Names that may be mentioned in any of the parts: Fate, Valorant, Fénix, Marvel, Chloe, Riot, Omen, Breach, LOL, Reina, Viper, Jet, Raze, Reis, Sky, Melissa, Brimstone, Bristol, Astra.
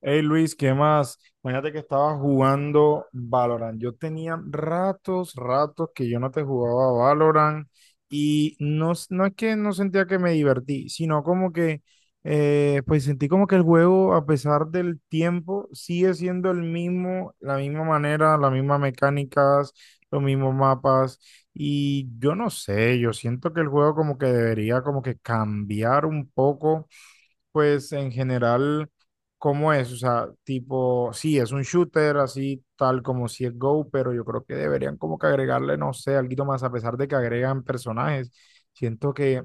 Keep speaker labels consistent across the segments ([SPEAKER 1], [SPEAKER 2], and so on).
[SPEAKER 1] Hey Luis, ¿qué más? Imagínate que estaba jugando Valorant. Yo tenía ratos, ratos que yo no te jugaba Valorant. Y no, no es que no sentía que me divertí, sino como que pues sentí como que el juego, a pesar del tiempo, sigue siendo el mismo, la misma manera, las mismas mecánicas, los mismos mapas. Y yo no sé, yo siento que el juego como que debería como que cambiar un poco, pues en general. ¿Cómo es? O sea, tipo, sí, es un shooter así tal como si es Go, pero yo creo que deberían como que agregarle, no sé, algo más, a pesar de que agregan personajes. Siento que,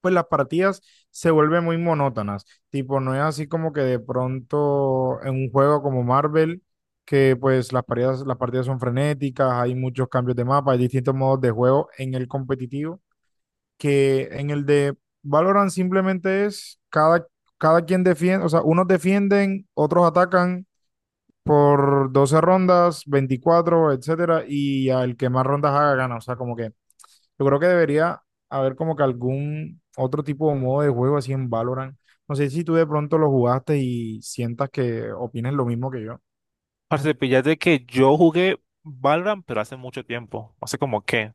[SPEAKER 1] pues, las partidas se vuelven muy monótonas. Tipo, no es así como que de pronto en un juego como Marvel, que pues las partidas son frenéticas, hay muchos cambios de mapa, hay distintos modos de juego en el competitivo, que en el de Valorant simplemente es cada quien defiende. O sea, unos defienden, otros atacan por 12 rondas, 24 etcétera, y al que más rondas haga gana. O sea, como que yo creo que debería haber como que algún otro tipo de modo de juego así en Valorant. No sé si tú de pronto lo jugaste y sientas que opines lo mismo que yo.
[SPEAKER 2] Parce, píllate que yo jugué Valorant, pero hace mucho tiempo, hace un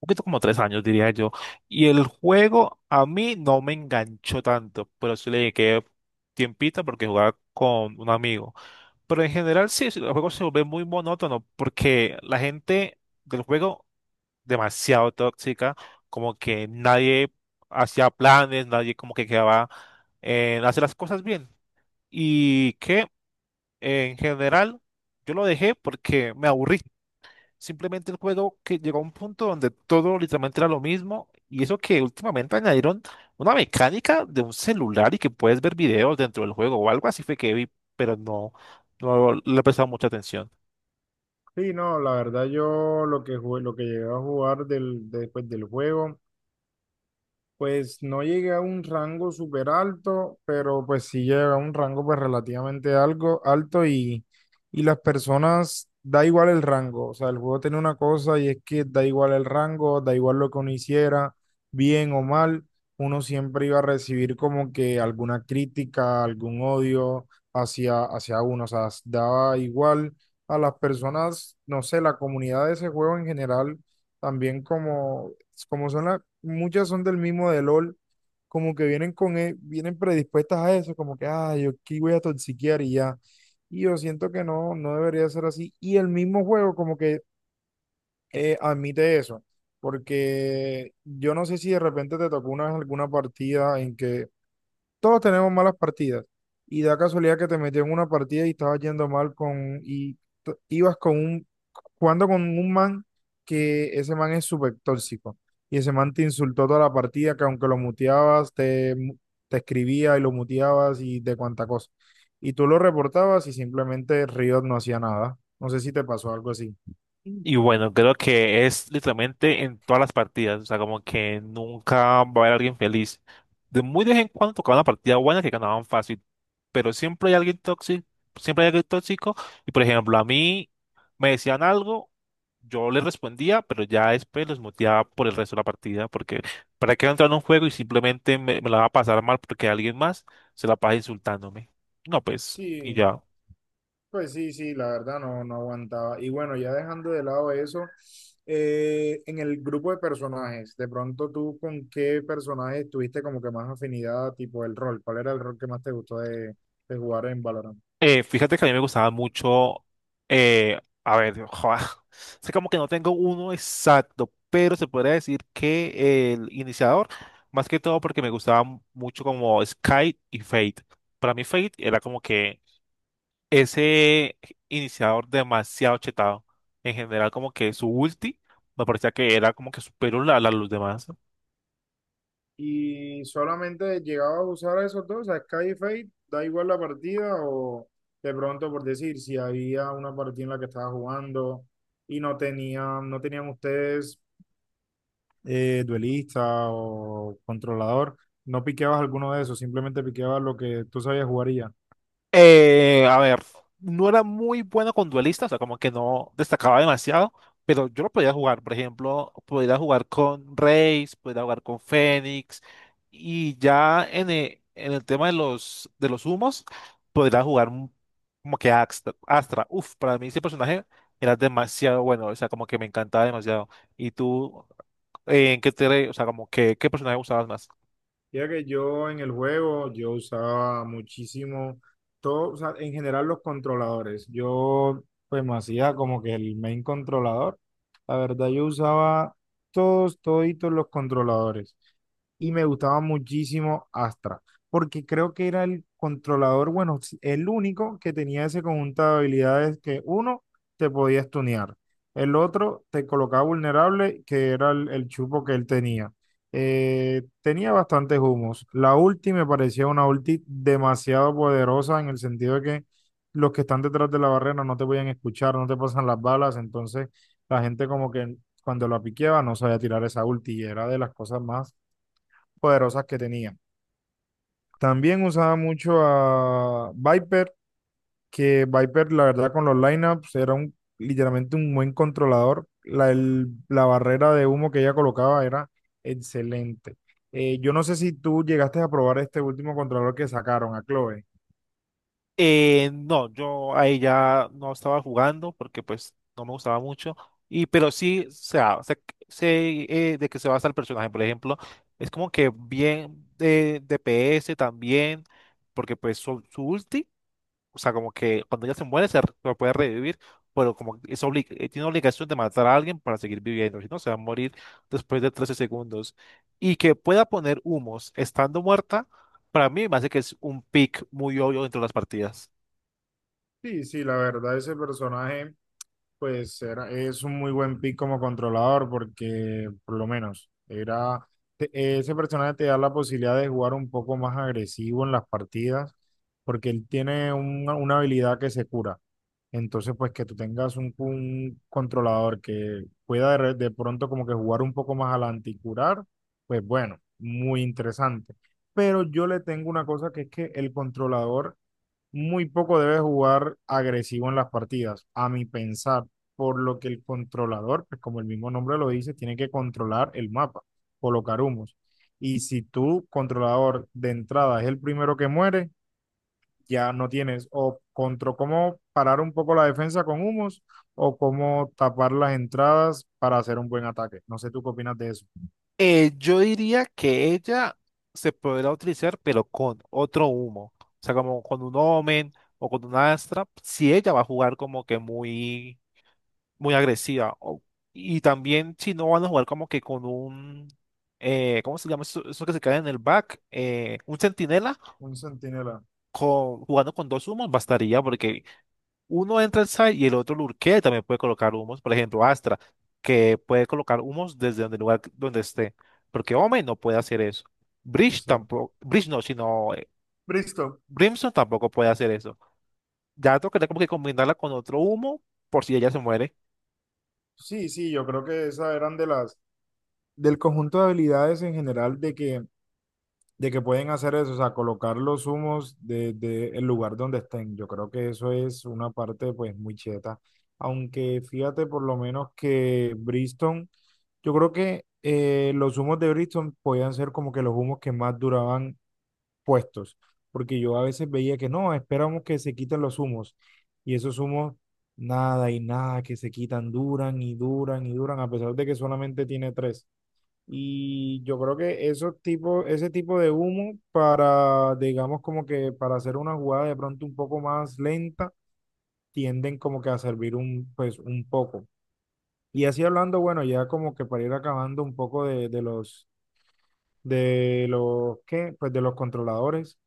[SPEAKER 2] poquito como 3 años diría yo, y el juego a mí no me enganchó tanto, pero sí le dediqué tiempita porque jugaba con un amigo. Pero en general sí, sí, el juego se vuelve muy monótono porque la gente del juego demasiado tóxica, como que nadie hacía planes, nadie como que quedaba en hacer las cosas bien. ¿Y qué? En general, yo lo dejé porque me aburrí. Simplemente el juego que llegó a un punto donde todo literalmente era lo mismo. Y eso que últimamente añadieron una mecánica de un celular y que puedes ver videos dentro del juego o algo así fue que vi, pero no, no le he prestado mucha atención.
[SPEAKER 1] Sí, no, la verdad, yo lo que jugué, lo que llegué a jugar después del juego. Pues no llegué a un rango súper alto, pero pues sí llegué a un rango pues relativamente algo alto. Y las personas, da igual el rango. O sea, el juego tiene una cosa y es que da igual el rango, da igual lo que uno hiciera, bien o mal, uno siempre iba a recibir como que alguna crítica, algún odio hacia uno. O sea, daba igual a las personas, no sé, la comunidad de ese juego en general también como son muchas son del mismo de LOL, como que vienen vienen predispuestas a eso, como que, ah, yo aquí voy a toxiquear y ya. Y yo siento que no, no debería ser así. Y el mismo juego como que admite eso, porque yo no sé si de repente te tocó una vez alguna partida en que todos tenemos malas partidas y da casualidad que te metió en una partida y estabas yendo mal con y t- ibas con un jugando con un man, que ese man es súper tóxico y ese man te insultó toda la partida, que aunque lo muteabas te escribía y lo muteabas y de cuánta cosa, y tú lo reportabas y simplemente Riot no hacía nada. No sé si te pasó algo así.
[SPEAKER 2] Y bueno, creo que es literalmente en todas las partidas, o sea, como que nunca va a haber alguien feliz. De muy de vez en cuando tocaba una partida buena que ganaban fácil, pero siempre hay alguien tóxico, siempre hay alguien tóxico. Y por ejemplo, a mí me decían algo, yo les respondía, pero ya después los muteaba por el resto de la partida, porque para qué entrar en un juego y simplemente me la va a pasar mal porque alguien más se la pasa insultándome. No, pues, y
[SPEAKER 1] Sí,
[SPEAKER 2] ya.
[SPEAKER 1] pues sí, sí, la verdad, no, no aguantaba. Y bueno, ya dejando de lado eso, en el grupo de personajes, de pronto tú con qué personaje tuviste como que más afinidad, tipo el rol, ¿cuál era el rol que más te gustó de jugar en Valorant?
[SPEAKER 2] Fíjate que a mí me gustaba mucho, a ver, joa, sé como que no tengo uno exacto, pero se podría decir que el iniciador, más que todo porque me gustaba mucho como Sky y Fate. Para mí Fate era como que ese iniciador demasiado chetado. En general como que su ulti me parecía que era como que superior a, a los demás.
[SPEAKER 1] Y solamente llegaba a usar a esos dos, a Sky y Fate, da igual la partida o de pronto por decir, si había una partida en la que estaba jugando y no tenían ustedes duelista o controlador, no piqueabas alguno de esos, simplemente piqueabas lo que tú sabías jugar y ya.
[SPEAKER 2] A ver, no era muy bueno con duelistas, o sea, como que no destacaba demasiado, pero yo lo podía jugar, por ejemplo, podía jugar con Raze, podía jugar con Fénix, y ya en el tema de los humos, podía jugar un- como que Astra, Astra. Uf, para mí ese personaje era demasiado bueno, o sea, como que me encantaba demasiado. ¿Y tú, en qué te, o sea, como que, qué personaje usabas más?
[SPEAKER 1] Ya que yo en el juego, yo usaba muchísimo, todo, o sea, en general los controladores. Yo pues me hacía como que el main controlador. La verdad, yo usaba todos, toditos los controladores. Y me gustaba muchísimo Astra, porque creo que era el controlador, bueno, el único que tenía ese conjunto de habilidades, que uno te podía stunear, el otro te colocaba vulnerable, que era el chupo que él tenía. Tenía bastantes humos. La ulti me parecía una ulti demasiado poderosa en el sentido de que los que están detrás de la barrera no te podían escuchar, no te pasan las balas. Entonces la gente como que cuando la piqueaba no sabía tirar esa ulti, y era de las cosas más poderosas que tenía. También usaba mucho a Viper, que Viper, la verdad, con los lineups era un, literalmente, un buen controlador. La barrera de humo que ella colocaba era excelente. Yo no sé si tú llegaste a probar este último controlador que sacaron, a Chloe.
[SPEAKER 2] No, yo ahí ya no estaba jugando porque pues no me gustaba mucho. Y pero sí, o sea, sé, de qué se basa el personaje, por ejemplo. Es como que bien de DPS también, porque pues su ulti, o sea, como que cuando ella se muere se puede revivir, pero como que es tiene obligación de matar a alguien para seguir viviendo, si no se va a morir después de 13 segundos. Y que pueda poner humos estando muerta, para mí me hace que es un pick muy obvio dentro de las partidas.
[SPEAKER 1] Sí, sí, la verdad, ese personaje, pues, era, es un muy buen pick como controlador, porque por lo menos te- ese personaje te da la posibilidad de jugar un poco más agresivo en las partidas, porque él tiene una habilidad que se cura. Entonces, pues, que tú tengas un controlador que pueda de pronto como que jugar un poco más adelante y curar, pues bueno, muy interesante. Pero yo le tengo una cosa, que es que el controlador muy poco debe jugar agresivo en las partidas, a mi pensar, por lo que el controlador, pues como el mismo nombre lo dice, tiene que controlar el mapa, colocar humos. Y si tu controlador de entrada es el primero que muere, ya no tienes o contra cómo parar un poco la defensa con humos, o cómo tapar las entradas para hacer un buen ataque. No sé tú qué opinas de eso.
[SPEAKER 2] Yo diría que ella se podrá utilizar, pero con otro humo. O sea, como con un Omen o con una Astra, si ella va a jugar como que muy, muy agresiva. Y también si no van a jugar como que con un, ¿cómo se llama eso, eso que se cae en el back? Un centinela
[SPEAKER 1] Un centinela,
[SPEAKER 2] con, jugando con 2 humos bastaría porque uno entra al site y el otro lurkea y también puede colocar humos. Por ejemplo, Astra, que puede colocar humos desde donde el lugar donde esté. Porque Omen no puede hacer eso. Breach
[SPEAKER 1] exacto.
[SPEAKER 2] tampoco. Breach no, sino,
[SPEAKER 1] Bristo,
[SPEAKER 2] Brimstone tampoco puede hacer eso. Ya tocaría como que combinarla con otro humo por si ella se muere.
[SPEAKER 1] sí, sí, yo creo que esas eran de las, del conjunto de habilidades en general, de que pueden hacer eso, o sea, colocar los humos desde el lugar donde estén. Yo creo que eso es una parte pues muy cheta. Aunque fíjate por lo menos que Bristol, yo creo que los humos de Bristol podían ser como que los humos que más duraban puestos, porque yo a veces veía que no, esperamos que se quiten los humos, y esos humos nada y nada que se quitan, duran y duran y duran, a pesar de que solamente tiene tres. Y yo creo que esos tipos, ese tipo de humo, para, digamos, como que para hacer una jugada de pronto un poco más lenta, tienden como que a servir un, pues, un poco. Y así hablando, bueno, ya como que para ir acabando un poco de los, ¿qué? Pues de los controladores.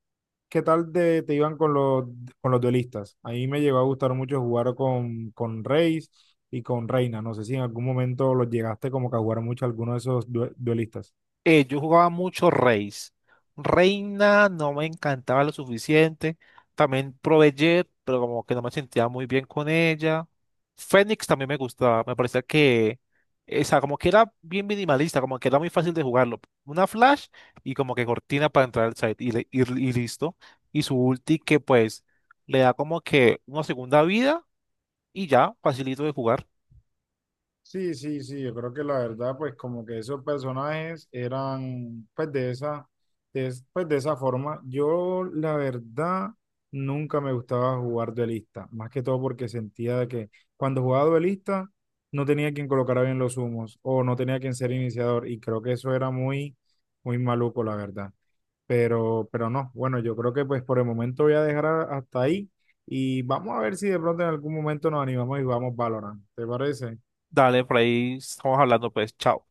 [SPEAKER 1] ¿Qué tal te iban con los duelistas? A mí me llegó a gustar mucho jugar con Reis y con Reina. No sé si en algún momento los llegaste como que a jugar mucho a alguno de esos duelistas.
[SPEAKER 2] Yo jugaba mucho Reis. Reina no me encantaba lo suficiente. También probé Jet, pero como que no me sentía muy bien con ella. Fénix también me gustaba. Me parecía que, o sea, como que era bien minimalista, como que era muy fácil de jugarlo. Una flash y como que cortina para entrar al site y, y listo. Y su ulti que pues le da como que una segunda vida y ya, facilito de jugar.
[SPEAKER 1] Sí, sí, sí, yo creo que la verdad, pues como que esos personajes eran, pues, de esa, pues de esa forma. Yo, la verdad, nunca me gustaba jugar duelista, más que todo porque sentía de que cuando jugaba duelista no tenía quien colocara bien los humos, o no tenía quien ser iniciador, y creo que eso era muy, muy maluco, la verdad. Pero no, bueno, yo creo que pues por el momento voy a dejar hasta ahí, y vamos a ver si de pronto en algún momento nos animamos y jugamos Valorant, ¿te parece?
[SPEAKER 2] Dale, por ahí estamos hablando pues, chao.